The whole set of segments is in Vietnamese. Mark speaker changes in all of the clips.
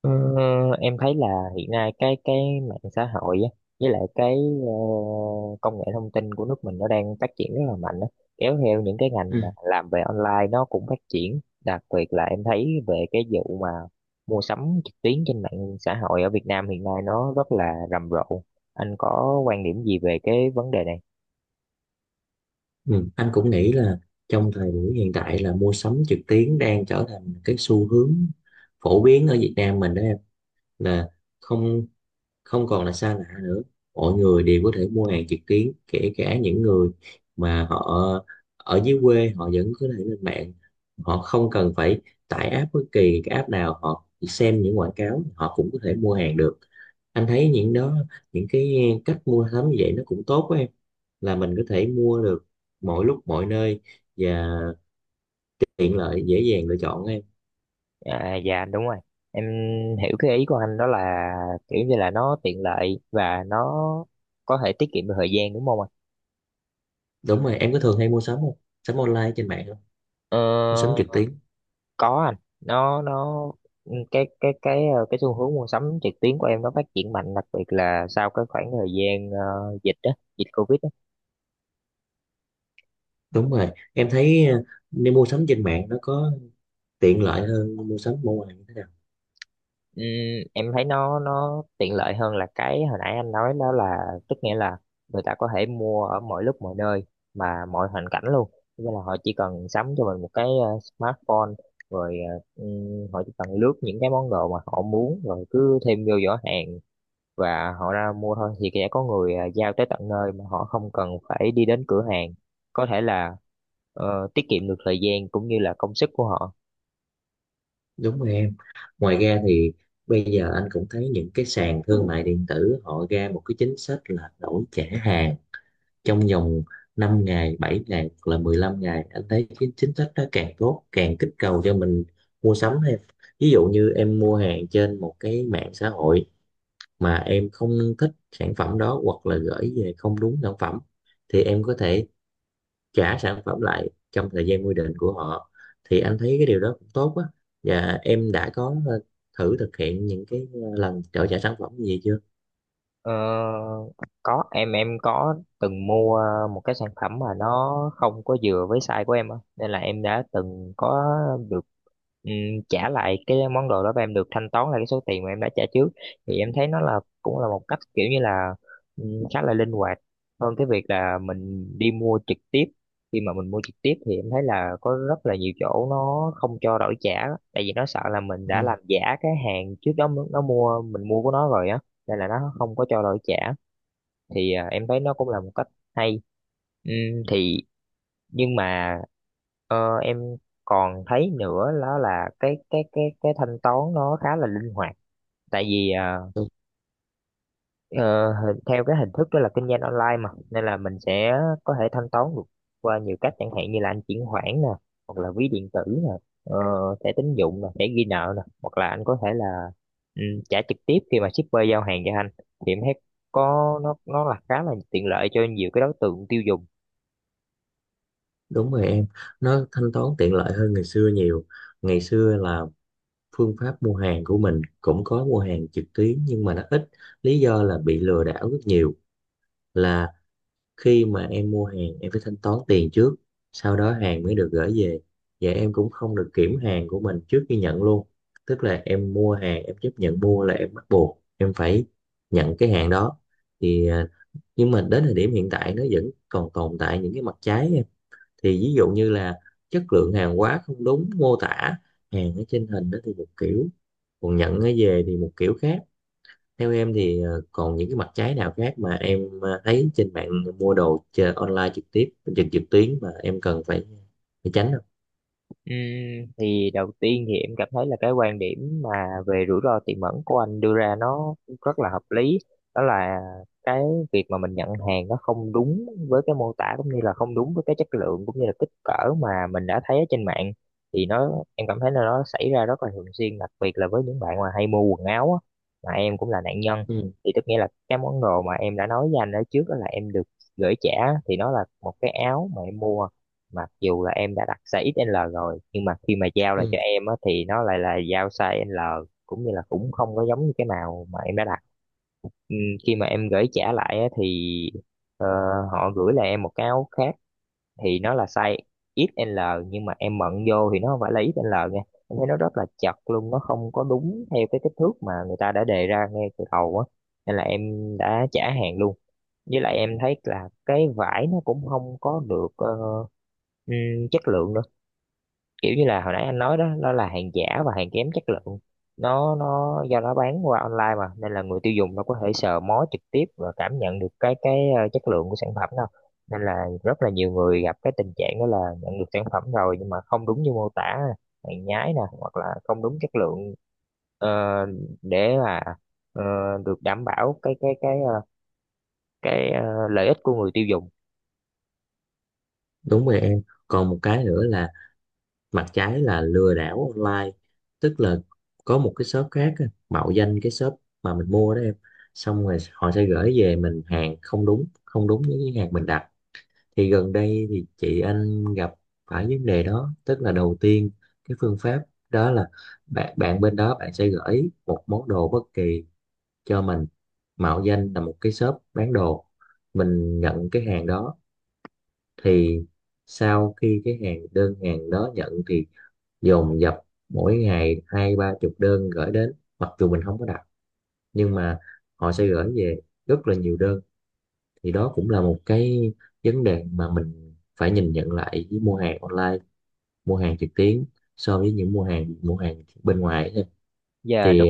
Speaker 1: Ờ, em thấy là hiện nay cái mạng xã hội á, với lại cái ờ, công nghệ thông tin của nước mình nó đang phát triển rất là mạnh á. Kéo theo những cái ngành mà
Speaker 2: Ừ.
Speaker 1: làm về online nó cũng phát triển, đặc biệt là em thấy về cái vụ mà mua sắm trực tuyến trên mạng xã hội ở Việt Nam hiện nay nó rất là rầm rộ. Anh có quan điểm gì về cái vấn đề này?
Speaker 2: Ừ. Anh cũng nghĩ là trong thời buổi hiện tại là mua sắm trực tuyến đang trở thành cái xu hướng phổ biến ở Việt Nam mình đó em, là không không còn là xa lạ nữa. Mọi người đều có thể mua hàng trực tuyến, kể cả những người mà họ ở dưới quê, họ vẫn có thể lên mạng. Họ không cần phải tải app, bất kỳ cái app nào, họ chỉ xem những quảng cáo họ cũng có thể mua hàng được. Anh thấy những cái cách mua sắm như vậy nó cũng tốt quá em, là mình có thể mua được mọi lúc mọi nơi, và tiện lợi, dễ dàng lựa chọn em.
Speaker 1: Dạ đúng rồi, em hiểu cái ý của anh đó là kiểu như là nó tiện lợi và nó có thể tiết kiệm được thời gian, đúng không ạ?
Speaker 2: Đúng rồi, em có thường hay mua sắm không, sắm online trên mạng không, mua
Speaker 1: Ờ,
Speaker 2: sắm trực tuyến?
Speaker 1: có anh. Nó cái ờ, Cái xu hướng mua sắm trực tuyến của em nó phát triển mạnh, đặc biệt là sau cái khoảng thời gian dịch á, dịch Covid á.
Speaker 2: Đúng rồi, em thấy nên mua sắm trên mạng nó có tiện lợi hơn mua sắm ở ngoài như thế nào?
Speaker 1: Ừm, em thấy nó tiện lợi hơn là cái hồi nãy anh nói đó, là tức nghĩa là người ta có thể mua ở mọi lúc mọi nơi mà mọi hoàn cảnh luôn, nên là họ chỉ cần sắm cho mình một cái smartphone, rồi họ chỉ cần lướt những cái món đồ mà họ muốn rồi cứ thêm vô giỏ hàng và họ ra mua thôi, thì sẽ có người giao tới tận nơi mà họ không cần phải đi đến cửa hàng, có thể là tiết kiệm được thời gian cũng như là công sức của họ.
Speaker 2: Đúng rồi em. Ngoài ra thì bây giờ anh cũng thấy những cái sàn thương mại điện tử họ ra một cái chính sách là đổi trả hàng trong vòng 5 ngày, 7 ngày hoặc là 15 ngày. Anh thấy cái chính sách đó càng tốt, càng kích cầu cho mình mua sắm thêm. Ví dụ như em mua hàng trên một cái mạng xã hội mà em không thích sản phẩm đó, hoặc là gửi về không đúng sản phẩm, thì em có thể trả sản phẩm lại trong thời gian quy định của họ. Thì anh thấy cái điều đó cũng tốt á. Và em đã có thử thực hiện những cái lần trợ trả sản phẩm gì chưa?
Speaker 1: Ờ, có Em có từng mua một cái sản phẩm mà nó không có vừa với size của em á, nên là em đã từng có được ừm, trả lại cái món đồ đó và em được thanh toán lại cái số tiền mà em đã trả trước. Thì em thấy nó là cũng là một cách, kiểu như là khá là linh hoạt hơn cái việc là mình đi mua trực tiếp. Khi mà mình mua trực tiếp thì em thấy là có rất là nhiều chỗ nó không cho đổi trả, tại vì nó sợ là mình đã
Speaker 2: Ừ.
Speaker 1: làm giả cái hàng trước đó nó mua mình mua của nó rồi á, nên là nó không có cho đổi trả. Em thấy nó cũng là một cách hay. Thì Nhưng mà em còn thấy nữa đó là cái thanh toán nó khá là linh hoạt, tại vì theo cái hình thức đó là kinh doanh online mà, nên là mình sẽ có thể thanh toán được qua nhiều cách, chẳng hạn như là anh chuyển khoản nè, hoặc là ví điện tử nè, ờ, thẻ tín dụng nè, thẻ ghi nợ nè, hoặc là anh có thể là ừ, trả trực tiếp khi mà shipper giao hàng cho anh. Thì em thấy có nó là khá là tiện lợi cho nhiều cái đối tượng tiêu dùng.
Speaker 2: Đúng rồi em, nó thanh toán tiện lợi hơn ngày xưa nhiều. Ngày xưa là phương pháp mua hàng của mình cũng có mua hàng trực tuyến nhưng mà nó ít. Lý do là bị lừa đảo rất nhiều. Là khi mà em mua hàng, em phải thanh toán tiền trước, sau đó hàng mới được gửi về. Và em cũng không được kiểm hàng của mình trước khi nhận luôn. Tức là em mua hàng, em chấp nhận mua là em bắt buộc em phải nhận cái hàng đó. Thì à, nhưng mà đến thời điểm hiện tại nó vẫn còn tồn tại những cái mặt trái. Thì ví dụ như là chất lượng hàng hóa không đúng mô tả, hàng ở trên hình đó thì một kiểu, còn nhận nó về thì một kiểu khác. Theo em thì còn những cái mặt trái nào khác mà em thấy trên mạng mua đồ chờ online, trực tiếp trực trực tuyến, mà em cần phải phải tránh không?
Speaker 1: Ừm, thì Đầu tiên thì em cảm thấy là cái quan điểm mà về rủi ro tiềm ẩn của anh đưa ra nó rất là hợp lý, đó là cái việc mà mình nhận hàng nó không đúng với cái mô tả cũng như là không đúng với cái chất lượng cũng như là kích cỡ mà mình đã thấy ở trên mạng. Thì nó em cảm thấy là nó xảy ra rất là thường xuyên, đặc biệt là với những bạn mà hay mua quần áo á, mà em cũng là nạn nhân.
Speaker 2: Ừ,
Speaker 1: Thì tức nghĩa là cái món đồ mà em đã nói với anh ở trước đó là em được gửi trả, thì nó là một cái áo mà em mua. Mặc dù là em đã đặt size XL rồi nhưng mà khi mà giao lại cho
Speaker 2: ừ,
Speaker 1: em á thì nó lại là giao size L, cũng như là cũng không có giống như cái nào mà em đã đặt. Ừm, Khi mà em gửi trả lại á thì ờ, họ gửi lại em một cái áo khác, thì nó là size XL, nhưng mà em mận vô thì nó không phải là XL nha, em thấy nó rất là chật luôn, nó không có đúng theo cái kích thước mà người ta đã đề ra ngay từ đầu á, nên là em đã trả hàng luôn. Với lại em thấy là cái vải nó cũng không có được chất lượng nữa, kiểu như là hồi nãy anh nói đó, nó là hàng giả và hàng kém chất lượng. Nó do nó bán qua online mà, nên là người tiêu dùng nó có thể sờ mó trực tiếp và cảm nhận được chất lượng của sản phẩm đâu, nên là rất là nhiều người gặp cái tình trạng đó là nhận được sản phẩm rồi nhưng mà không đúng như mô tả, hàng nhái nè hoặc là không đúng chất lượng. ờ, để mà ờ, được đảm bảo cái lợi ích của người tiêu dùng.
Speaker 2: đúng rồi em. Còn một cái nữa là mặt trái là lừa đảo online. Tức là có một cái shop khác á, mạo danh cái shop mà mình mua đó em, xong rồi họ sẽ gửi về mình hàng không đúng với cái hàng mình đặt. Thì gần đây thì chị anh gặp phải vấn đề đó. Tức là đầu tiên cái phương pháp đó là bạn bạn bên đó, bạn sẽ gửi một món đồ bất kỳ cho mình, mạo danh là một cái shop bán đồ. Mình nhận cái hàng đó, thì sau khi cái hàng đơn hàng đó nhận thì dồn dập mỗi ngày hai ba chục đơn gửi đến, mặc dù mình không có đặt, nhưng mà họ sẽ gửi về rất là nhiều đơn. Thì đó cũng là một cái vấn đề mà mình phải nhìn nhận lại với mua hàng online, mua hàng trực tuyến, so với những mua hàng bên ngoài ấy.
Speaker 1: Giờ,
Speaker 2: Thì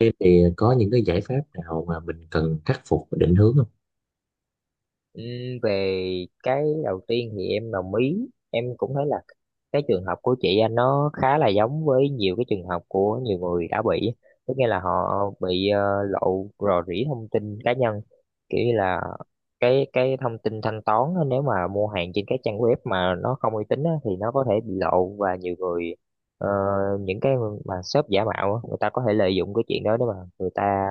Speaker 2: thế thì có những cái giải pháp nào mà mình cần khắc phục và định hướng không?
Speaker 1: Ừ, về cái đầu tiên thì em đồng ý, em cũng thấy là cái trường hợp của chị anh nó khá là giống với nhiều cái trường hợp của nhiều người đã bị. Tức nghĩa là họ bị lộ, rò rỉ thông tin cá nhân, kiểu như là cái thông tin thanh toán á, nếu mà mua hàng trên cái trang web mà nó không uy tín á, thì nó có thể bị lộ. Và nhiều người ờ, những cái mà shop giả mạo á, người ta có thể lợi dụng cái chuyện đó để mà người ta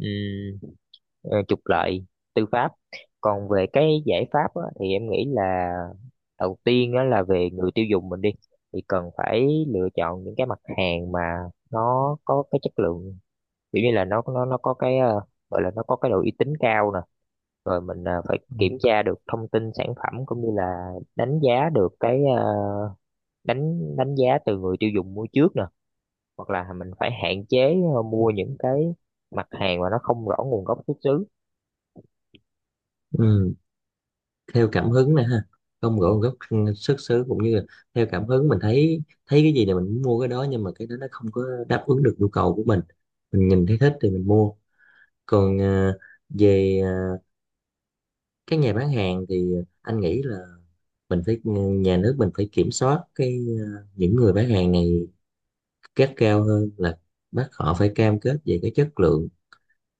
Speaker 1: ừm, trục lợi tư pháp. Còn về cái giải pháp á, thì em nghĩ là đầu tiên á, là về người tiêu dùng mình đi, thì cần phải lựa chọn những cái mặt hàng mà nó có cái chất lượng, kiểu như là nó có cái gọi là nó có cái độ uy tín cao nè. Rồi mình phải kiểm tra được thông tin sản phẩm cũng như là đánh giá được cái ờ, đánh đánh giá từ người tiêu dùng mua trước nè, hoặc là mình phải hạn chế mua những cái mặt hàng mà nó không rõ nguồn gốc xuất xứ.
Speaker 2: Ừ, theo cảm hứng nè ha, không gõ gốc, xuất xứ, cũng như là theo cảm hứng, mình thấy thấy cái gì là mình mua cái đó, nhưng mà cái đó nó không có đáp ứng được nhu cầu của Mình nhìn thấy thích thì mình mua. Còn về các nhà bán hàng thì anh nghĩ là nhà nước mình phải kiểm soát cái những người bán hàng này gắt cao hơn, là bắt họ phải cam kết về cái chất lượng,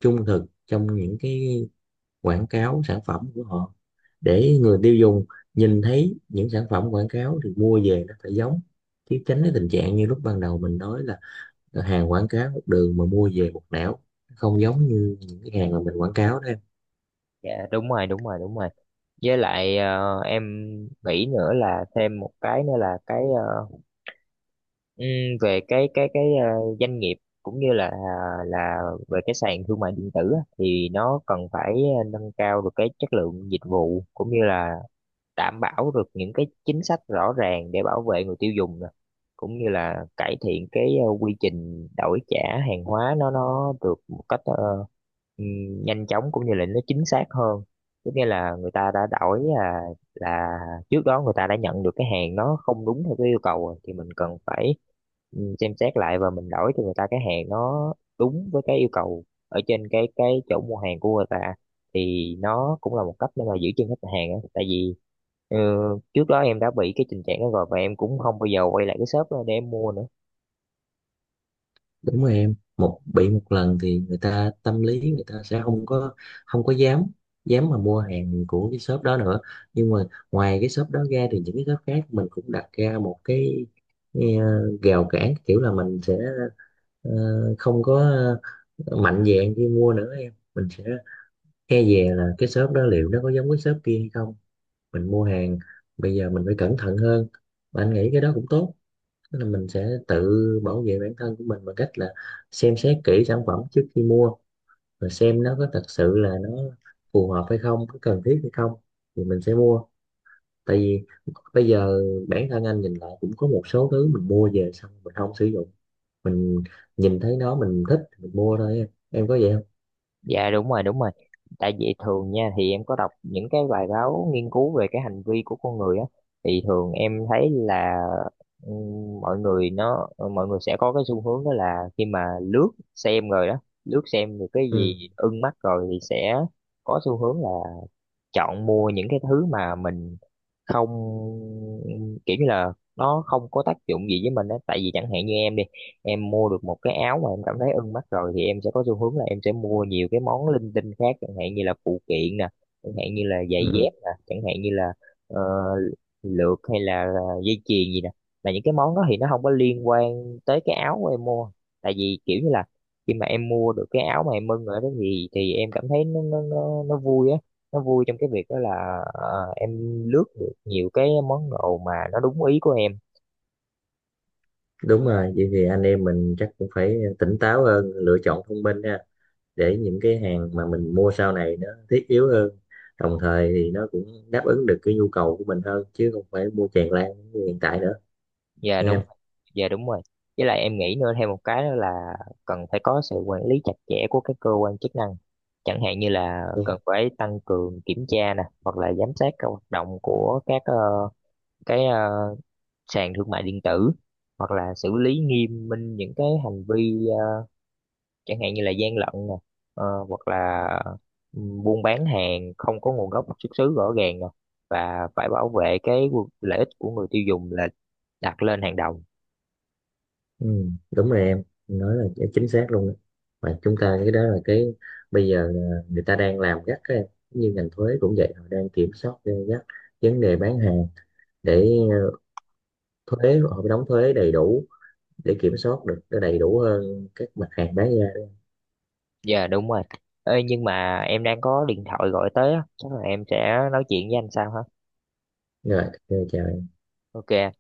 Speaker 2: trung thực trong những cái quảng cáo sản phẩm của họ, để người tiêu dùng nhìn thấy những sản phẩm quảng cáo thì mua về nó phải giống, chứ tránh cái tình trạng như lúc ban đầu mình nói là hàng quảng cáo một đường mà mua về một nẻo, không giống như những cái hàng mà mình quảng cáo đó.
Speaker 1: Dạ đúng rồi, đúng rồi, đúng rồi. Với lại em nghĩ nữa là thêm một cái nữa là ừm, về cái doanh nghiệp cũng như là là về cái sàn thương mại điện tử á, thì nó cần phải nâng cao được cái chất lượng dịch vụ cũng như là đảm bảo được những cái chính sách rõ ràng để bảo vệ người tiêu dùng nè, cũng như là cải thiện cái quy trình đổi trả hàng hóa, nó được một cách nhanh chóng cũng như là nó chính xác hơn. Tức nghĩa là người ta đã đổi là là trước đó người ta đã nhận được cái hàng nó không đúng theo cái yêu cầu rồi, thì mình cần phải xem xét lại và mình đổi cho người ta cái hàng nó đúng với cái yêu cầu ở trên cái chỗ mua hàng của người ta. Thì nó cũng là một cách để mà giữ chân khách hàng á, tại vì ờ, trước đó em đã bị cái tình trạng đó rồi và em cũng không bao giờ quay lại cái shop đó để em mua nữa.
Speaker 2: Đúng rồi em, bị một lần thì người ta tâm lý người ta sẽ không có dám dám mà mua hàng của cái shop đó nữa. Nhưng mà ngoài cái shop đó ra thì những cái shop khác mình cũng đặt ra một cái rào cản, kiểu là mình sẽ ờ, không có, mạnh dạn khi mua nữa em. Mình sẽ e dè là cái shop đó liệu nó có giống cái shop kia hay không. Mình mua hàng bây giờ mình phải cẩn thận hơn. Mà anh nghĩ cái đó cũng tốt. Tức là mình sẽ tự bảo vệ bản thân của mình bằng cách là xem xét kỹ sản phẩm trước khi mua, và xem nó có thật sự là nó phù hợp hay không, có cần thiết hay không, thì mình sẽ mua. Tại vì bây giờ bản thân anh nhìn lại cũng có một số thứ mình mua về xong mình không sử dụng. Mình nhìn thấy nó mình thích mình mua thôi. Em có vậy không?
Speaker 1: Dạ đúng rồi, đúng rồi. Tại vì thường nha, thì em có đọc những cái bài báo nghiên cứu về cái hành vi của con người á. Thì thường em thấy là mọi người sẽ có cái xu hướng đó là khi mà lướt xem rồi đó, lướt xem được cái gì
Speaker 2: Ừ.
Speaker 1: ưng mắt rồi thì sẽ có xu hướng là chọn mua những cái thứ mà mình không, kiểu như là nó không có tác dụng gì với mình á. Tại vì chẳng hạn như em đi, em mua được một cái áo mà em cảm thấy ưng mắt rồi thì em sẽ có xu hướng là em sẽ mua nhiều cái món linh tinh khác, chẳng hạn như là phụ kiện nè, chẳng hạn như là giày dép
Speaker 2: Ừ.
Speaker 1: nè, chẳng hạn như là ờ, lược hay là dây chuyền gì nè. Là những cái món đó thì nó không có liên quan tới cái áo của em mua. Tại vì kiểu như là khi mà em mua được cái áo mà em ưng rồi đó, thì em cảm thấy nó vui á, nó vui trong cái việc đó là em lướt được nhiều cái món đồ mà nó đúng ý của em.
Speaker 2: Đúng rồi, vậy thì anh em mình chắc cũng phải tỉnh táo hơn, lựa chọn thông minh ha. Để những cái hàng mà mình mua sau này nó thiết yếu hơn, đồng thời thì nó cũng đáp ứng được cái nhu cầu của mình hơn, chứ không phải mua tràn lan như hiện tại nữa.
Speaker 1: Dạ
Speaker 2: Nghe
Speaker 1: đúng.
Speaker 2: em.
Speaker 1: Dạ đúng rồi. Với lại em nghĩ nữa thêm một cái đó là cần phải có sự quản lý chặt chẽ của các cơ quan chức năng, chẳng hạn như là cần
Speaker 2: Đúng.
Speaker 1: phải tăng cường kiểm tra nè, hoặc là giám sát các hoạt động của các cái ờ, sàn thương mại điện tử, hoặc là xử lý nghiêm minh những cái hành vi chẳng hạn như là gian lận nè, hoặc là buôn bán hàng không có nguồn gốc xuất xứ rõ ràng nè, và phải bảo vệ cái lợi ích của người tiêu dùng là đặt lên hàng đầu.
Speaker 2: Ừ, đúng rồi em nói là chính xác luôn đó. Mà chúng ta cái đó là cái, bây giờ là người ta đang làm gắt các em, như ngành thuế cũng vậy, họ đang kiểm soát gay gắt vấn đề bán hàng, để thuế họ phải đóng thuế đầy đủ, để kiểm soát được nó đầy đủ hơn các mặt hàng bán ra.
Speaker 1: Dạ đúng rồi. Ê, nhưng mà em đang có điện thoại gọi tới á, chắc là em sẽ nói chuyện với anh sau ha.
Speaker 2: Rồi, ok, chào.
Speaker 1: Ok.